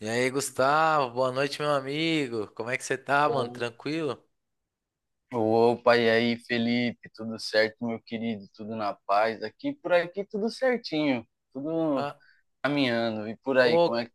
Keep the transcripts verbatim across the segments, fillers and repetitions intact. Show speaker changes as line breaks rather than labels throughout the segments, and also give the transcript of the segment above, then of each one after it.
E aí, Gustavo, boa noite, meu amigo. Como é que você tá, mano? Tranquilo?
Opa, e aí, Felipe? Tudo certo, meu querido? Tudo na paz? Aqui por aqui tudo certinho, tudo
Ah,
caminhando. E por aí, como
ô,
é que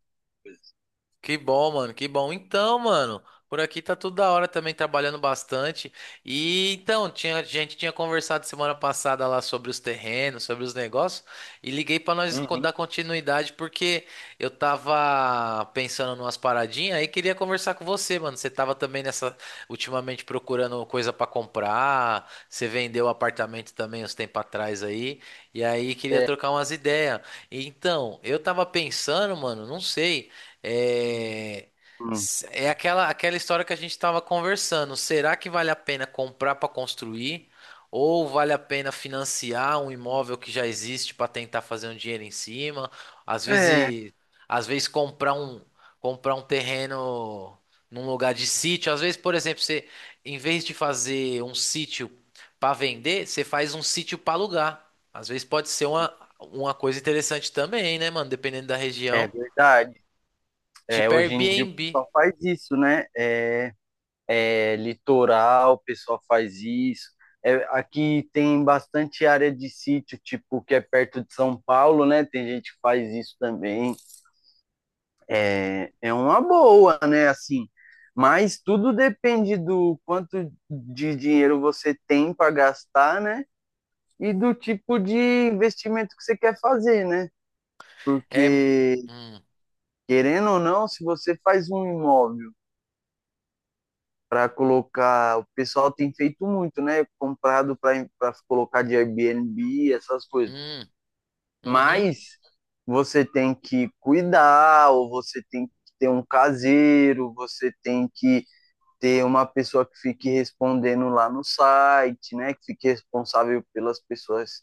que bom, mano, que bom. Então, mano, por aqui tá tudo da hora também, trabalhando bastante. E então, tinha, a gente tinha conversado semana passada lá sobre os terrenos, sobre os negócios, e liguei pra nós co-
Uhum.
dar continuidade porque eu tava pensando numas paradinhas aí queria conversar com você, mano. Você tava também nessa, ultimamente procurando coisa pra comprar, você vendeu o apartamento também uns tempos atrás aí, e aí queria
É,
trocar umas ideias. Então, eu tava pensando, mano, não sei. É,
hum.
é aquela, aquela história que a gente estava conversando. Será que vale a pena comprar para construir? Ou vale a pena financiar um imóvel que já existe para tentar fazer um dinheiro em cima? Às
é,
vezes, às vezes comprar um, comprar um terreno num lugar de sítio. Às vezes, por exemplo, você, em vez de fazer um sítio para vender, você faz um sítio para alugar. Às vezes pode ser uma, uma coisa interessante também, né, mano? Dependendo da
é
região.
verdade. É,
Tipo
hoje em dia o
Airbnb.
pessoal faz isso, né? É, é litoral, o pessoal faz isso. É, aqui tem bastante área de sítio, tipo, que é perto de São Paulo, né? Tem gente que faz isso também. É, é uma boa, né? Assim, mas tudo depende do quanto de dinheiro você tem para gastar, né? E do tipo de investimento que você quer fazer, né?
É.
Porque,
Hum,
querendo ou não, se você faz um imóvel para colocar, o pessoal tem feito muito, né? Comprado para para colocar de Airbnb, essas coisas.
hum, uhum.
Mas você tem que cuidar, ou você tem que ter um caseiro, você tem que ter uma pessoa que fique respondendo lá no site, né? Que fique responsável pelas pessoas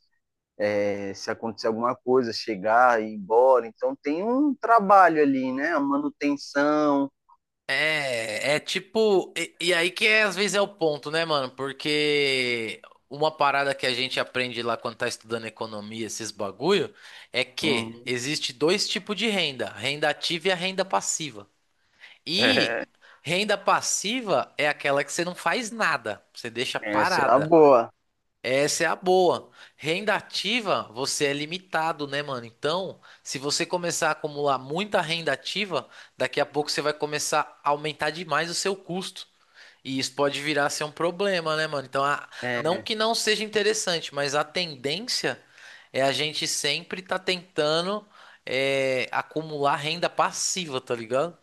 é, se acontecer alguma coisa, chegar e ir embora. Então tem um trabalho ali, né? A manutenção.
É, é tipo. E, e aí que é, às vezes é o ponto, né, mano? Porque uma parada que a gente aprende lá quando tá estudando economia, esses bagulho, é que
Uhum.
existe dois tipos de renda: a renda ativa e a renda passiva.
É,
E renda passiva é aquela que você não faz nada, você deixa
essa é a
parada.
boa.
Essa é a boa. Renda ativa, você é limitado, né, mano? Então, se você começar a acumular muita renda ativa, daqui a pouco você vai começar a aumentar demais o seu custo. E isso pode virar a ser um problema, né, mano? Então, a- não
É,
que não seja interessante, mas a tendência é a gente sempre tá tentando é, acumular renda passiva, tá ligado?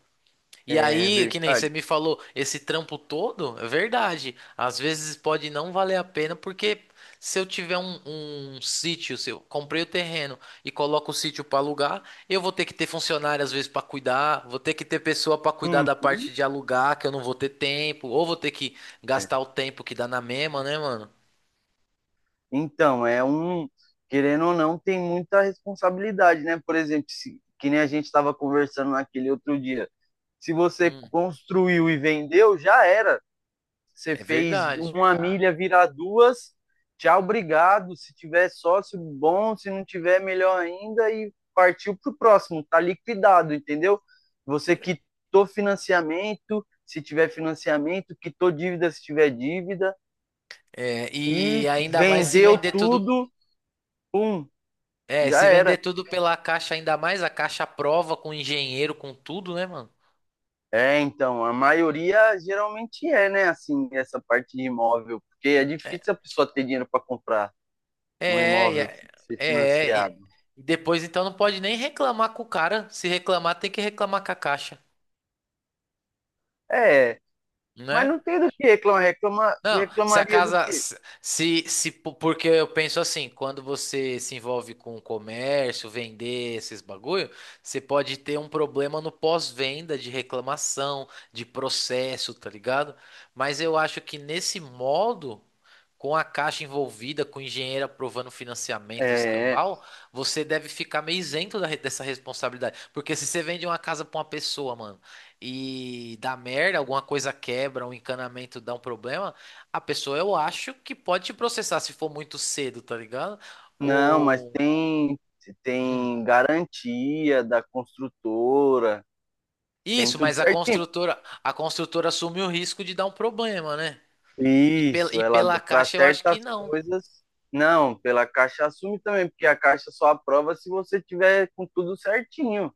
E
é
aí, que nem
verdade.
você me falou, esse trampo todo, é verdade. Às vezes pode não valer a pena, porque se eu tiver um, um sítio, se eu comprei o terreno e coloco o sítio para alugar, eu vou ter que ter funcionário às vezes para cuidar, vou ter que ter pessoa para cuidar da parte
Uhum.
de alugar, que eu não vou ter tempo, ou vou ter que
É.
gastar o tempo que dá na mesma, né, mano?
Então, é um. Querendo ou não, tem muita responsabilidade, né? Por exemplo, se, que nem a gente estava conversando naquele outro dia. Se você
Hum,
construiu e vendeu, já era. Você
é
fez
verdade.
uma milha virar duas, tchau, obrigado. Se tiver sócio, bom. Se não tiver, melhor ainda. E partiu para o próximo, tá liquidado, entendeu? Você quitou financiamento, se tiver financiamento, quitou dívida, se tiver dívida.
É, e
E
ainda mais se
vendeu
vender tudo,
tudo, pum,
é,
já
se vender
era.
tudo pela caixa, ainda mais a caixa à prova com engenheiro, com tudo, né, mano?
É, então, a maioria geralmente é, né, assim, essa parte de imóvel, porque é difícil a pessoa ter dinheiro para comprar um
É, e-
imóvel
é,
ser
é, e
financiado.
e depois então não pode nem reclamar com o cara. Se reclamar, tem que reclamar com a caixa,
É, mas
né?
não tem do que reclamar. Reclama,
Não, se a
reclamaria do
casa,
quê?
se, se, se- po- porque eu penso assim, quando você se envolve com o comércio, vender esses bagulho, você pode ter um problema no pós-venda de reclamação, de processo, tá ligado? Mas eu acho que nesse modo com a Caixa envolvida, com o engenheiro aprovando financiamento e os
É,
cambal, você deve ficar meio isento da re- dessa responsabilidade. Porque se você vende uma casa pra uma pessoa, mano, e dá merda, alguma coisa quebra, um encanamento dá um problema, a pessoa eu acho que pode te processar se for muito cedo, tá ligado?
não, mas
Ou.
tem,
Hum.
tem garantia da construtora, tem
Isso,
tudo
mas a
certinho.
construtora, a construtora assume o risco de dar um problema, né? E, pel,
Isso,
e
ela
pela
para
Caixa eu acho que
certas
não.
coisas. Não, pela Caixa assume também, porque a Caixa só aprova se você tiver com tudo certinho.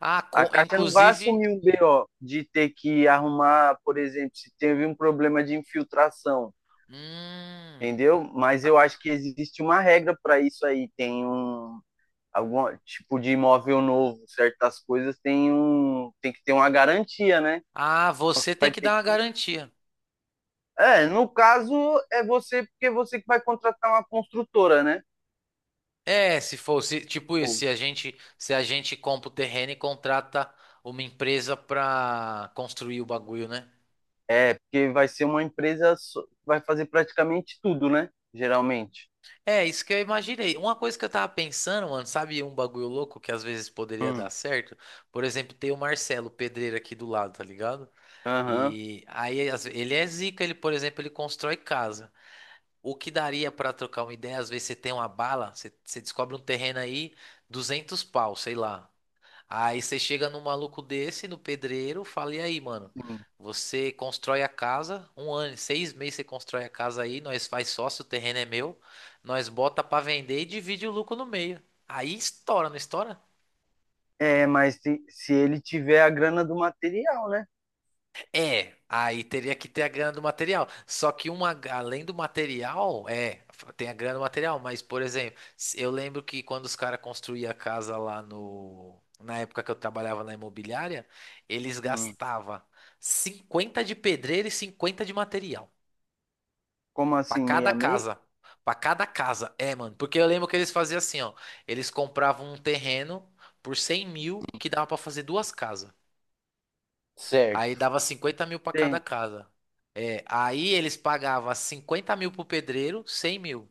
Ah,
A
co-
Caixa não vai
inclusive.
assumir um B O de ter que arrumar, por exemplo, se teve um problema de infiltração,
Hum.
entendeu? Mas eu acho que existe uma regra para isso aí, tem um, algum tipo de imóvel novo, certas coisas tem um tem que ter uma garantia, né?
Ah, você tem
Vai
que
ter
dar uma
que
garantia.
É, no caso é você porque é você que vai contratar uma construtora, né?
É, se fosse tipo isso,
Ou-
se a gente, se a gente compra o terreno e contrata uma empresa pra construir o bagulho, né?
É, porque vai ser uma empresa só- que vai fazer praticamente tudo, né? Geralmente.
É, isso que eu imaginei. Uma coisa que eu tava pensando, mano, sabe um bagulho louco que às vezes poderia
Hum.
dar certo? Por exemplo, tem o Marcelo, o pedreiro aqui do lado, tá ligado?
Aham.
E aí às ve- ele é zica, ele, por exemplo, ele constrói casa. O que daria pra trocar uma ideia? Às vezes você tem uma bala, você, você descobre um terreno aí, duzentos pau, sei lá. Aí você chega num maluco desse, no pedreiro, fala, e aí, mano?
Sim.
Você constrói a casa, um ano, seis meses você constrói a casa aí, nós faz sócio, o terreno é meu, nós bota pra vender e divide o lucro no meio. Aí estoura, não estoura?
É, mas se, se ele tiver a grana do material, né?
É, aí teria que ter a grana do material. Só que uma, além do material, é, tem a grana do material, mas, por exemplo, se- eu lembro que quando os caras construíam a casa lá no. Na época que eu trabalhava na imobiliária, eles
Hum.
gastavam cinquenta de pedreiro e cinquenta de material.
Como
Pra
assim,
cada
meia meia?
casa. Pra cada casa. É, mano. Porque eu lembro que eles faziam assim, ó. Eles compravam um terreno por cem mil que dava pra fazer duas casas. Aí
Certo.
dava cinquenta mil pra cada
Tem.
casa. É, aí eles pagavam cinquenta mil pro pedreiro, cem mil.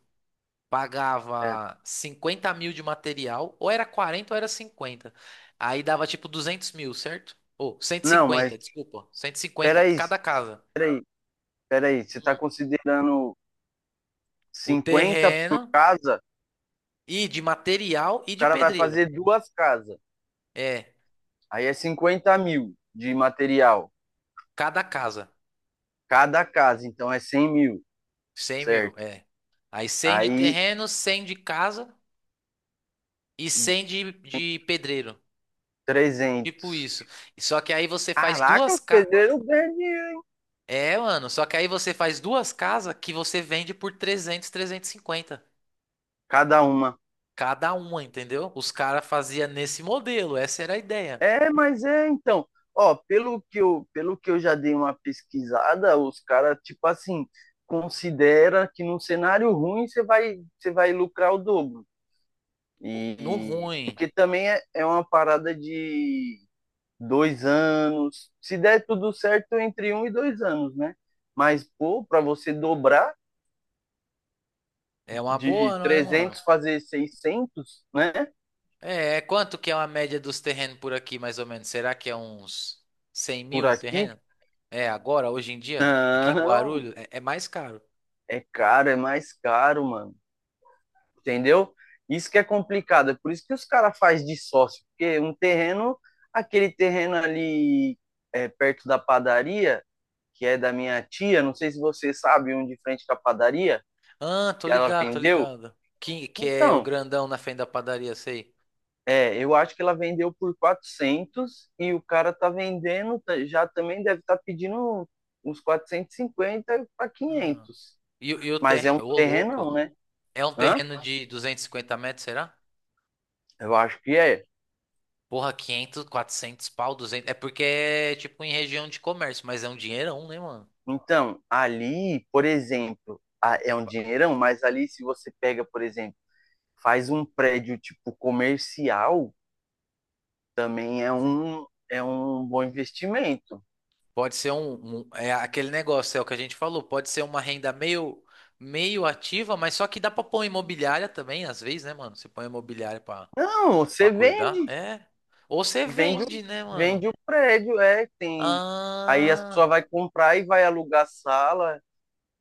É.
Pagava cinquenta mil de material, ou era quarenta ou era cinquenta. Aí dava tipo duzentos mil, certo? Ou cento e
Não,
cinquenta
mas
desculpa, cento e cinquenta pra
peraí,
cada casa.
peraí, peraí. Você está
Hum.
considerando
O
cinquenta por
terreno
casa,
e de material e
o
de
cara vai
pedreiro.
fazer duas casas.
É,
Aí é cinquenta mil de material,
cada casa.
cada casa, então é cem mil,
Cem mil,
certo?
é. Aí cem de
Aí
terreno, cem de casa e cem de, de pedreiro. Tipo
trezentos.
isso. Só que aí você faz
Caraca, o
duas ca...
pedreiro ganha dinheiro,
É, mano, só que aí você faz duas casas que você vende por trezentos, trezentos e cinquenta
cada uma.
cada uma, entendeu? Os caras faziam nesse modelo, essa era a ideia.
É, mas é, então. Ó, pelo que eu, pelo que eu já dei uma pesquisada, os caras, tipo assim, considera que num cenário ruim você vai, você vai lucrar o dobro.
No
E
ruim,
porque também é, é uma parada de dois anos. Se der tudo certo, entre um e dois anos, né? Mas, pô, para você dobrar
é uma
de
boa, não é, mano?
trezentos fazer seiscentos né?
É, é quanto que é uma média dos terrenos por aqui, mais ou menos? Será que é uns cem
Por
mil um
aqui,
terreno? É, agora, hoje em dia, aqui em
não,
Guarulhos, é, é mais caro.
é caro, é mais caro, mano. Entendeu? Isso que é complicado. É por isso que os caras fazem de sócio. Porque um terreno, aquele terreno ali é, perto da padaria, que é da minha tia, não sei se você sabe, um de frente com a padaria,
Ah, tô
que ela
ligado, tô
vendeu.
ligado. Que, que é o
Então,
grandão na frente da padaria, sei.
é, eu acho que ela vendeu por quatrocentos e o cara tá vendendo, tá- já também deve estar pedindo uns quatrocentos e cinquenta para
Ah.
quinhentos.
E, o- e o
Mas é
ter...
um
Ô,
terrenão,
louco.
né?
É um
Hã?
terreno de duzentos e cinquenta metros, será?
Eu acho que é.
Porra, quinhentos, quatrocentos pau, duzentos. É porque é tipo em região de comércio, mas é um dinheirão, né, mano?
Então, ali, por exemplo, a- é um dinheirão, mas ali se você pega, por exemplo, faz um prédio tipo comercial, também é um, é um bom investimento.
Pode ser um, um- É aquele negócio, é o que a gente falou. Pode ser uma renda meio, meio ativa, mas só que dá pra pôr imobiliária também, às vezes, né, mano? Você põe imobiliária pra,
Não,
pra
você
cuidar.
vende
É. Ou você
Vende, o-
vende, né, mano?
vende o prédio, é, tem. Aí a pessoa
Ah.
vai comprar e vai alugar a sala,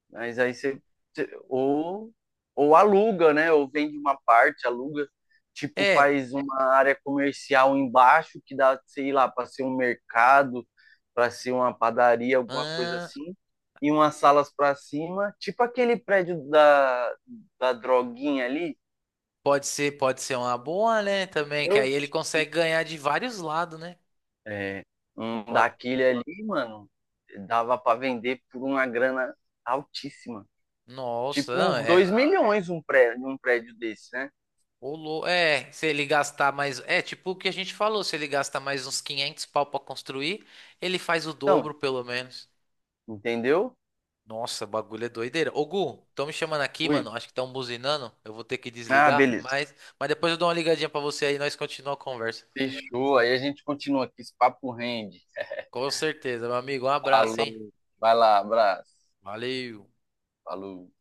mas aí você, você- ou ou aluga, né? Ou vende uma parte, aluga, tipo
É.
faz uma área comercial embaixo que dá, sei lá, para ser um mercado, para ser uma padaria, alguma coisa
Ah.
assim, e umas salas para cima, tipo aquele prédio da da droguinha ali.
Pode ser, pode ser uma boa, né? Também, que
Eu
aí ele
tipo,
consegue ganhar de vários lados, né?
é, um
O a-
daquele ali, mano, dava pra vender por uma grana altíssima.
Nossa,
Tipo
não,
uns dois
é.
milhões um prédio, um prédio desse, né?
O lou- É, se ele gastar mais. É, tipo o que a gente falou, se ele gastar mais uns quinhentos pau pra construir, ele faz o
Então,
dobro, pelo menos.
entendeu?
Nossa, o bagulho é doideira. Ô, Gu, estão me chamando aqui,
Ui.
mano. Acho que estão buzinando. Eu vou ter que
Ah,
desligar,
beleza.
mas, mas depois eu dou uma ligadinha pra você aí e nós continuamos a conversa.
Fechou. Aí a gente continua aqui. Esse papo rende.
Com certeza, meu amigo. Um abraço, hein?
Falou. Vai lá, abraço.
Valeu.
Falou.